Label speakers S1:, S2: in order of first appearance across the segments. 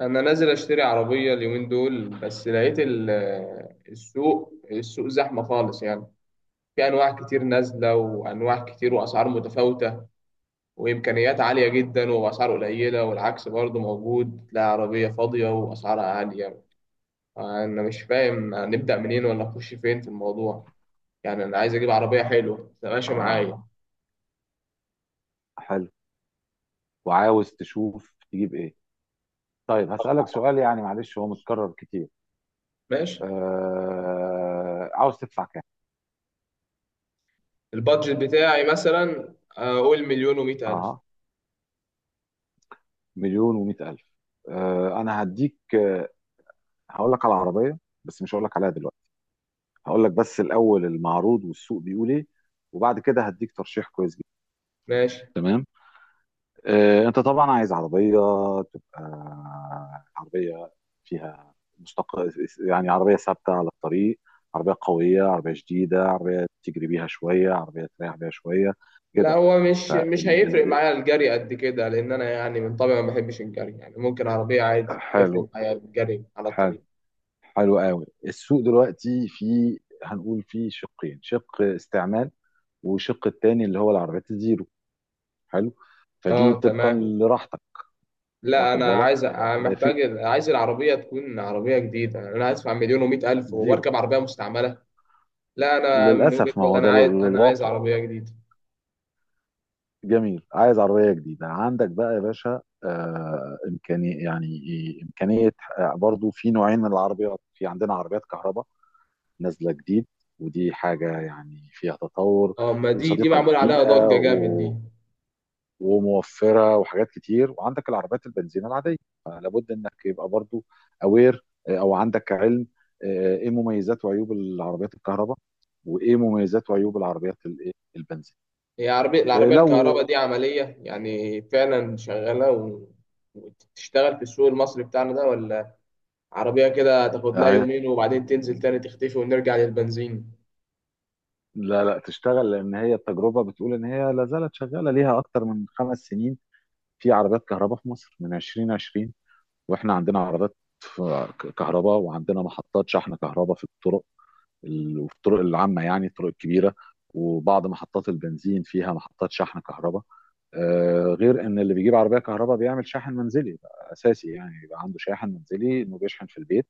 S1: انا نازل اشتري عربيه اليومين دول بس لقيت السوق زحمه خالص، يعني في انواع كتير نازله وانواع كتير واسعار متفاوته، وامكانيات عاليه جدا واسعار قليله، والعكس برضه موجود، تلاقي عربيه فاضيه واسعارها عاليه. انا مش فاهم هنبدا منين ولا نخش فين في الموضوع، يعني انا عايز اجيب عربيه حلوه ماشي
S2: اه.
S1: معايا.
S2: حلو. وعاوز تشوف تجيب ايه؟ طيب، هسألك سؤال، يعني معلش هو متكرر كتير.
S1: ماشي،
S2: عاوز تدفع كام؟
S1: البادجت بتاعي مثلا اقول مليون ومئة الف.
S2: اه، مليون ومئة ألف. انا هديك هقول لك على عربية، بس مش هقول لك عليها دلوقتي. هقول لك بس الأول المعروض والسوق بيقول ايه، وبعد كده هديك ترشيح كويس جدا.
S1: ماشي.
S2: تمام. انت طبعا عايز عربيه تبقى عربيه فيها يعني عربيه ثابته على الطريق، عربيه قويه، عربيه شديده، عربيه تجري بيها شويه، عربيه تريح بيها شويه.
S1: لا،
S2: كده
S1: هو مش
S2: فال
S1: مش
S2: ال...
S1: هيفرق
S2: ال-
S1: معايا الجري قد كده، لان انا يعني من طبعي ما بحبش الجري، يعني ممكن عربيه عادي يفرق
S2: حلو.
S1: معايا الجري على
S2: حلو.
S1: الطريق.
S2: حلو قوي. السوق دلوقتي في، هنقول في شقين: شق استعمال، وشق التاني اللي هو العربيات الزيرو. حلو، فدي
S1: اه
S2: طبقا
S1: تمام.
S2: لراحتك.
S1: لا
S2: واخد
S1: انا
S2: بالك؟
S1: عايز،
S2: في
S1: محتاج، عايز العربيه تكون عربيه جديده، انا هدفع مليون ومئة الف
S2: زيرو.
S1: واركب عربيه مستعمله؟ لا انا من وجهه
S2: للاسف ما
S1: نظري
S2: هو
S1: انا
S2: ده
S1: عايز
S2: الواقع.
S1: عربيه جديده.
S2: جميل، عايز عربية جديدة. عندك بقى يا باشا إمكانية، يعني إيه، إمكانية؟ برضو في نوعين من العربيات: في عندنا عربيات كهرباء نازلة جديد، ودي حاجة يعني فيها تطور،
S1: اه، ما دي
S2: وصديقة
S1: معمول عليها
S2: للبيئة
S1: ضجه جامد دي.
S2: وموفرة وحاجات كتير. وعندك العربيات البنزين العادية. لابد إنك يبقى برضو أو عندك علم. إيه مميزات وعيوب العربيات الكهرباء؟ وإيه مميزات وعيوب العربيات الإيه؟ البنزين؟
S1: هي عربيه،
S2: آه،
S1: العربيه الكهرباء
S2: لو
S1: دي عمليه يعني فعلا شغاله و... وتشتغل في السوق المصري بتاعنا ده، ولا عربية كده تاخد لها
S2: آه،
S1: يومين وبعدين تنزل تاني تختفي ونرجع للبنزين؟
S2: لا لا، تشتغل، لان هي التجربه بتقول ان هي لا زالت شغاله ليها اكتر من خمس سنين. في عربيات كهرباء في مصر من 2020. واحنا عندنا عربيات كهرباء، وعندنا محطات شحن كهرباء في الطرق، وفي الطرق العامه، يعني الطرق الكبيره، وبعض محطات البنزين فيها محطات شحن كهرباء. غير ان اللي بيجيب عربيه كهرباء بيعمل شاحن منزلي، بقى اساسي يعني يبقى عنده شاحن منزلي، انه بيشحن في البيت.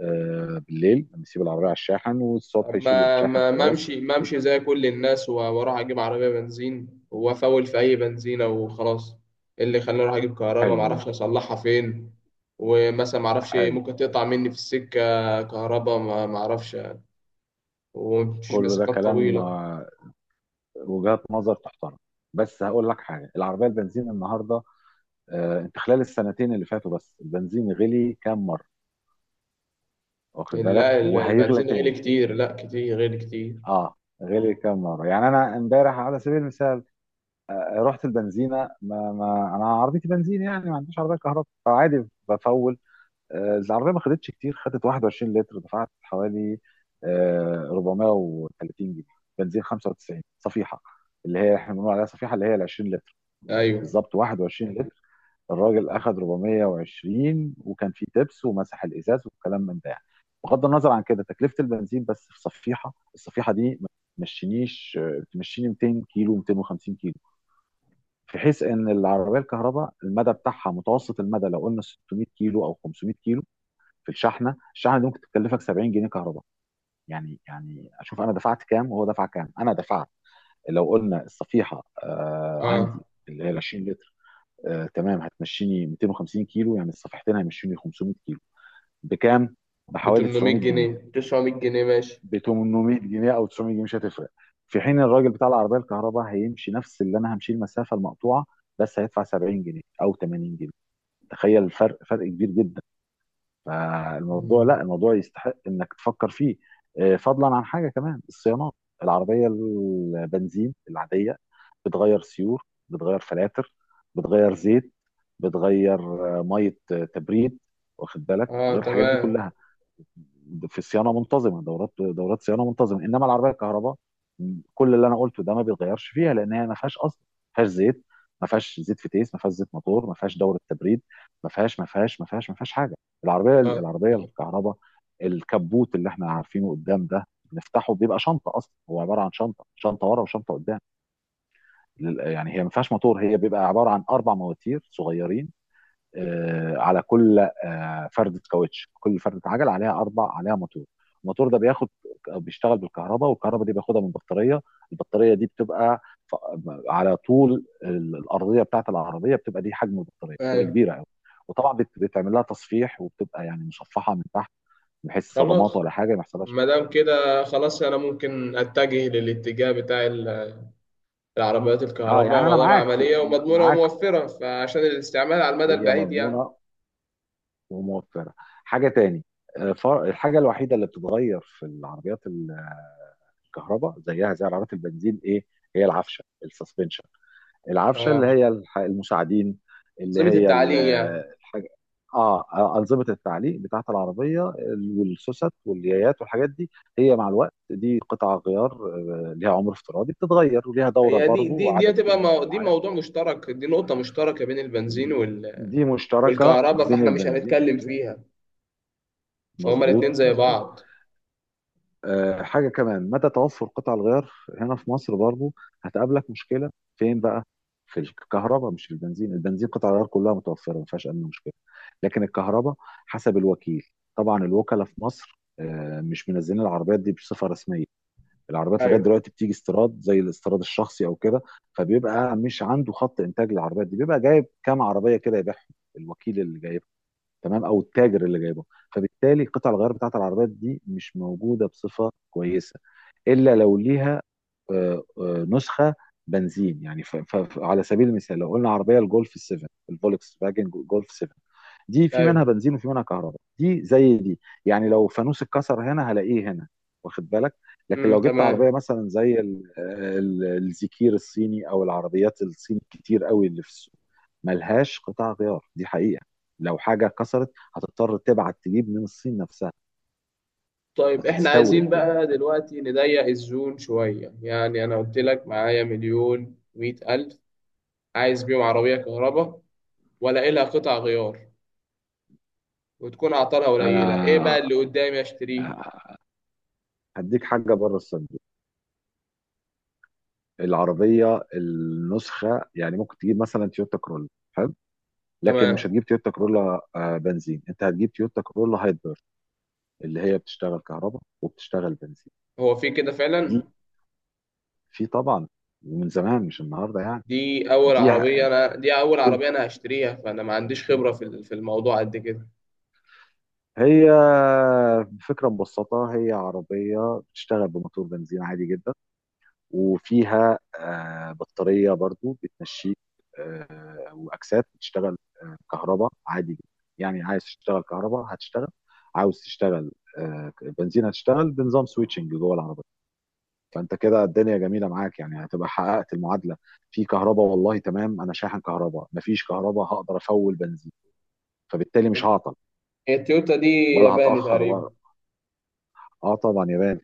S2: بالليل بيسيب العربيه على الشاحن، والصبح
S1: طب
S2: يشيل
S1: ما
S2: الشاحن
S1: ما ما
S2: خلاص.
S1: امشي ما امشي زي كل الناس واروح اجيب عربية بنزين وافول في اي بنزينة وخلاص؟ إيه اللي خلاني اروح اجيب كهرباء ما
S2: حلو.
S1: اعرفش اصلحها فين، ومثلا ما اعرفش
S2: حلو.
S1: ممكن تقطع مني في السكة كهرباء، ما اعرفش، ومفيش
S2: كله ده
S1: مسافات
S2: كلام،
S1: طويلة.
S2: وجهات نظر تحترم. بس هقول لك حاجه، العربيه البنزين النهارده انت خلال السنتين اللي فاتوا بس البنزين غلي كام مره؟ واخد بالك؟
S1: لا
S2: وهيغلى
S1: البنزين غالي
S2: تاني.
S1: كتير، لا كتير غالي كتير.
S2: اه، غلي كام مره؟ يعني انا امبارح على سبيل المثال رحت البنزينه، ما, ما انا عربيتي بنزين يعني، ما عنديش عربيه كهرباء، فعادي بفول. العربيه ما خدتش كتير، خدت 21 لتر، دفعت حوالي 430 جنيه. بنزين 95 صفيحه، اللي هي احنا بنقول عليها صفيحه، اللي هي ال 20 لتر،
S1: ايوه.
S2: بالظبط 21 لتر. الراجل اخد 420، وكان فيه تبس ومسح الازاز والكلام من ده يعني. بغض النظر عن كده تكلفه البنزين، بس في صفيحه، الصفيحه دي ما تمشينيش، تمشيني 200 كيلو، 250 كيلو. في حيث ان العربيه الكهرباء المدى بتاعها متوسط، المدى لو قلنا 600 كيلو او 500 كيلو، في الشحنه، الشحنه دي ممكن تكلفك 70 جنيه كهرباء. يعني يعني اشوف انا دفعت كام وهو دفع كام. انا دفعت لو قلنا الصفيحه آه
S1: اه
S2: عندي اللي هي ال 20 لتر، تمام، هتمشيني 250 كيلو، يعني الصفيحتين هيمشوني 500 كيلو. بكام؟
S1: ب
S2: بحوالي
S1: 800
S2: 900 جنيه.
S1: جنيه 900 جنيه ماشي.
S2: ب 800 جنيه او 900 جنيه مش هتفرق. في حين الراجل بتاع العربيه الكهرباء هيمشي نفس اللي انا همشي المسافه المقطوعه، بس هيدفع 70 جنيه او 80 جنيه. تخيل الفرق، فرق كبير جدا. فالموضوع،
S1: مم.
S2: لا الموضوع يستحق انك تفكر فيه. فضلا عن حاجه كمان، الصيانات. العربيه البنزين العاديه بتغير سيور، بتغير فلاتر، بتغير زيت، بتغير آه، ميه تبريد. واخد بالك؟
S1: اه
S2: بتغير الحاجات دي
S1: تمام.
S2: كلها، في صيانه منتظمه، دورات، دورات صيانه منتظمه. انما العربيه الكهرباء كل اللي انا قلته ده ما بيتغيرش فيها، لان هي ما فيهاش اصلا، ما فيهاش زيت، ما فيهاش زيت فتيس، ما فيهاش زيت موتور، ما فيهاش دوره تبريد. ما فيهاش حاجه.
S1: اه
S2: العربيه
S1: اه.
S2: الكهرباء، الكبوت اللي احنا عارفينه قدام ده نفتحه بيبقى شنطه، اصلا هو عباره عن شنطه، شنطه ورا وشنطه قدام. يعني هي ما فيهاش موتور، هي بيبقى عباره عن اربع مواتير صغيرين، على كل فردة كاوتش، كل فردة عجل عليها، اربع عليها موتور. الموتور ده بياخد، بيشتغل بالكهرباء، والكهرباء دي بياخدها من بطارية. البطارية دي بتبقى ف- على طول الأرضية بتاعت العربية، بتبقى دي، حجم البطارية بتبقى
S1: ايوه.
S2: كبيرة قوي. وطبعا بتعمل لها تصفيح، وبتبقى يعني مصفحة من تحت، بحيث صدمات
S1: خلاص،
S2: ولا حاجة ما يحصلهاش.
S1: ما دام كده خلاص انا ممكن اتجه للاتجاه بتاع العربيات
S2: اه
S1: الكهرباء،
S2: يعني
S1: ما
S2: انا
S1: دام
S2: معاك.
S1: عمليه ومضمونه
S2: معاك،
S1: وموفره، فعشان الاستعمال على المدى
S2: هي
S1: البعيد يعني.
S2: مضمونه وموفره. حاجه تاني، الحاجه الوحيده اللي بتتغير في العربيات الكهرباء زيها زي عربيات البنزين ايه؟ هي العفشه، السسبنشن، العفشه اللي
S1: اه،
S2: هي المساعدين، اللي
S1: انظمه
S2: هي
S1: التعليق يعني.
S2: الحاجه، اه انظمه التعليق بتاعت العربيه، والسوست واليايات والحاجات دي. هي مع الوقت دي قطع غيار، ليها عمر افتراضي، بتتغير وليها دوره
S1: هي دي
S2: برضه
S1: دي دي
S2: وعدد
S1: هتبقى
S2: كيلومتر
S1: دي
S2: معين.
S1: موضوع مشترك، دي نقطه مشتركه بين البنزين وال...
S2: دي مشتركه
S1: والكهرباء،
S2: بين
S1: فاحنا مش
S2: البنزين،
S1: هنتكلم
S2: مظبوط،
S1: فيها، فهما
S2: مظبوط،
S1: الاتنين زي
S2: مظبوط.
S1: بعض.
S2: حاجة كمان، مدى توفر قطع الغيار هنا في مصر برضو هتقابلك مشكلة. فين بقى؟ في الكهرباء، مش في البنزين. البنزين قطع الغيار كلها متوفرة، ما فيهاش أي مشكلة. لكن الكهرباء، حسب الوكيل، طبعا الوكلاء في مصر مش منزلين العربيات دي بصفة رسمية. العربيات لغاية
S1: ايوه
S2: دلوقتي بتيجي استيراد، زي الاستيراد الشخصي أو كده، فبيبقى مش عنده خط إنتاج للعربيات دي، بيبقى جايب كام عربية كده يبيعهم، الوكيل اللي جايبها. تمام، او التاجر اللي جايبه. فبالتالي قطع الغيار بتاعت العربيات دي مش موجوده بصفه كويسه، الا لو ليها نسخه بنزين يعني. على سبيل المثال، لو قلنا عربيه الجولف 7، الفولكس فاجن جولف 7، دي في منها
S1: ايوه.
S2: بنزين وفي منها كهرباء. دي زي دي يعني، لو فانوس اتكسر هنا هلاقيه هنا. واخد بالك؟ لكن لو جبت عربيه
S1: تمام.
S2: مثلا زي الزكير الصيني، او العربيات الصيني كتير قوي اللي في السوق، ملهاش قطع غيار، دي حقيقه. لو حاجه اتكسرت هتضطر تبعت تجيب من الصين نفسها
S1: طيب احنا عايزين
S2: وتستورد يعني.
S1: بقى دلوقتي نضيق الزون شوية، يعني انا قلت لك معايا مليون مية الف، عايز بيهم عربية كهرباء، ولا لها قطع غيار، وتكون اعطالها قليلة، ايه بقى
S2: انا
S1: اللي قدامي اشتريه؟
S2: هديك حاجه بره الصين، العربيه النسخه يعني. ممكن تجيب مثلا تويوتا كرولا، حلو، لكن مش
S1: تمام.
S2: هتجيب تويوتا كرولا بنزين، انت هتجيب تويوتا كرولا هايبر، اللي هي بتشتغل كهرباء وبتشتغل بنزين.
S1: هو في كده
S2: دي
S1: فعلا؟
S2: في طبعا، من زمان مش النهارده يعني. دي ع-
S1: دي اول
S2: كنت
S1: عربية انا هشتريها، فانا ما عنديش خبرة في في الموضوع قد كده.
S2: هي فكره مبسطه، هي عربيه بتشتغل بموتور بنزين عادي جدا، وفيها بطارية برضو بتمشيك، وأكسات بتشتغل كهرباء عادي جدا. يعني عايز تشتغل كهرباء هتشتغل، عاوز تشتغل آه، بنزين هتشتغل، بنظام سويتشنج جوه العربية. فأنت كده الدنيا جميلة معاك، يعني هتبقى حققت المعادلة. في كهرباء، والله تمام، أنا شاحن كهرباء، مفيش كهرباء هقدر أفول بنزين، فبالتالي مش هعطل
S1: هي التويوتا دي
S2: ولا
S1: ياباني
S2: هتأخر
S1: تقريبا
S2: ولا. اه طبعا يا باشا.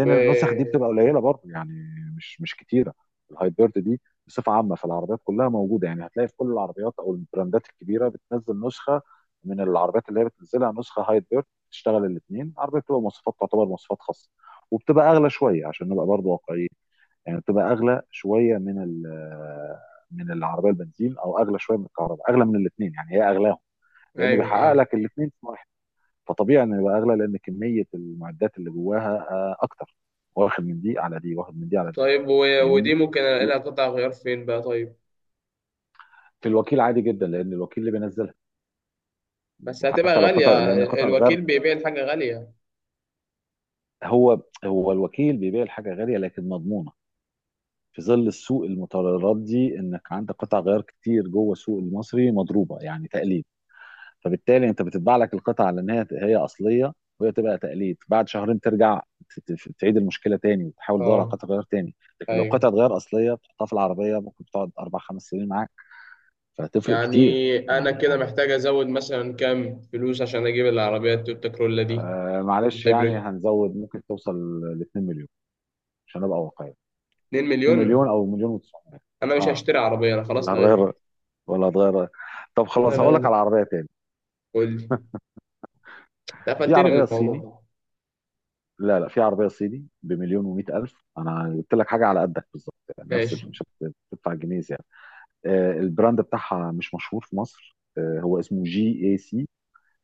S1: و...؟
S2: النسخ دي بتبقى قليله برضه يعني، مش كتيره. الهايبرد دي بصفه عامه في العربيات كلها موجوده، يعني هتلاقي في كل العربيات او البراندات الكبيره بتنزل نسخه من العربيات، اللي هي بتنزلها نسخه هايبرد بتشتغل الاثنين. العربيه بتبقى مواصفات، تعتبر مواصفات خاصه، وبتبقى اغلى شويه عشان نبقى برضه واقعيين. يعني بتبقى اغلى شويه من من العربيه البنزين، او اغلى شويه من الكهرباء، اغلى من الاثنين يعني، هي اغلاهم لانه
S1: ايوه
S2: بيحقق
S1: ايوه.
S2: لك الاثنين. فطبيعي انه يبقى اغلى، لان كميه المعدات اللي جواها اكتر. واخد من دي على دي، واخد من دي على دي.
S1: طيب و... ودي
S2: فاهمني؟
S1: ممكن الاقي لها قطع غيار فين بقى طيب؟
S2: في الوكيل عادي جدا، لان الوكيل اللي بينزلها،
S1: بس هتبقى
S2: وحتى لو قطع،
S1: غالية،
S2: لان قطع
S1: الوكيل
S2: الغرب،
S1: بيبيع الحاجة غالية.
S2: هو هو الوكيل بيبيع الحاجه غاليه لكن مضمونه. في ظل السوق المتردي انك عندك قطع غيار كتير جوه السوق المصري مضروبه يعني تقليد، فبالتالي انت بتطبع لك القطعه على ان هي هي اصليه، وهي تبقى تقليد. بعد شهرين ترجع، تعيد المشكله تاني، وتحاول تدور على
S1: اه،
S2: قطعه غيار تاني. لكن لو
S1: ايوه،
S2: قطعه غيار اصليه بتحطها في العربيه، ممكن تقعد اربع خمس سنين معاك. فهتفرق كتير.
S1: يعني انا
S2: يعني
S1: كده
S2: يعني
S1: محتاج ازود مثلا كام فلوس عشان اجيب العربية التويوتا كرولا دي
S2: معلش يعني،
S1: الهايبريد؟
S2: هنزود، ممكن توصل ل 2 مليون عشان ابقى واقعي.
S1: 2
S2: 2 مليون
S1: مليون؟
S2: او مليون و900.
S1: انا مش
S2: اه،
S1: هشتري عربية، انا خلاص
S2: ولا
S1: لغيت
S2: هتغير،
S1: الفكرة.
S2: ولا هتغير. طب
S1: انا
S2: خلاص هقول لك
S1: لغيت،
S2: على عربيه تاني.
S1: قول لي، أنت
S2: في
S1: قفلتني من
S2: عربيه
S1: الموضوع
S2: صيني،
S1: ده.
S2: لا لا، في عربيه صيني بمليون ومئة الف، انا قلت لك حاجه على قدك بالظبط، يعني نفس
S1: ماشي.
S2: مش هتدفع جنيه يعني. البراند بتاعها مش مشهور في مصر، هو اسمه جي اي سي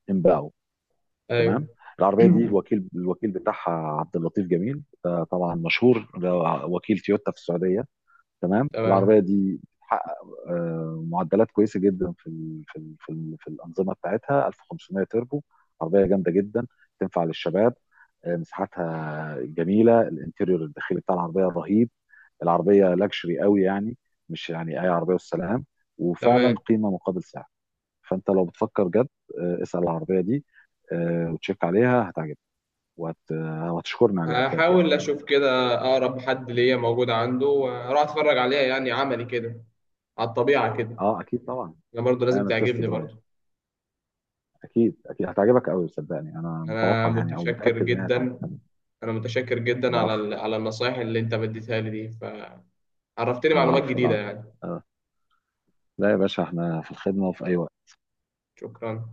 S2: امباو. تمام،
S1: ايوه.
S2: العربيه دي الوكيل، الوكيل بتاعها عبد اللطيف جميل، ده طبعا مشهور، ده وكيل تويوتا في السعوديه. تمام، العربيه
S1: تمام.
S2: دي بتحقق معدلات كويسه جدا في ال في ال في, ال في الانظمه بتاعتها 1500 تربو. عربيه جامده جدا، تنفع للشباب. مساحتها جميله، الانتيريور الداخلي بتاع العربيه رهيب، العربيه لاكشري قوي يعني، مش يعني اي عربيه والسلام، وفعلا
S1: تمام،
S2: قيمه مقابل سعر. فانت لو بتفكر جد اسال العربيه دي وتشيك عليها هتعجبك. وهتشكرني عليها بجد يعني.
S1: هحاول اشوف كده اقرب حد ليا موجود عنده واروح اتفرج عليها، يعني عملي كده، على الطبيعة كده.
S2: اه اكيد طبعا،
S1: انا برضه لازم
S2: اعمل تيست
S1: تعجبني
S2: درايف.
S1: برضه.
S2: اكيد اكيد هتعجبك قوي، صدقني، انا
S1: انا
S2: متوقع يعني، او
S1: متشكر
S2: متاكد ان هي
S1: جدا،
S2: هتعجبك.
S1: انا متشكر جدا على
S2: العفو،
S1: على النصايح اللي انت بديتها لي دي، فعرفتني معلومات
S2: العفو،
S1: جديدة
S2: العفو.
S1: يعني.
S2: آه. لا يا باشا، احنا في الخدمه وفي اي وقت.
S1: شكرا.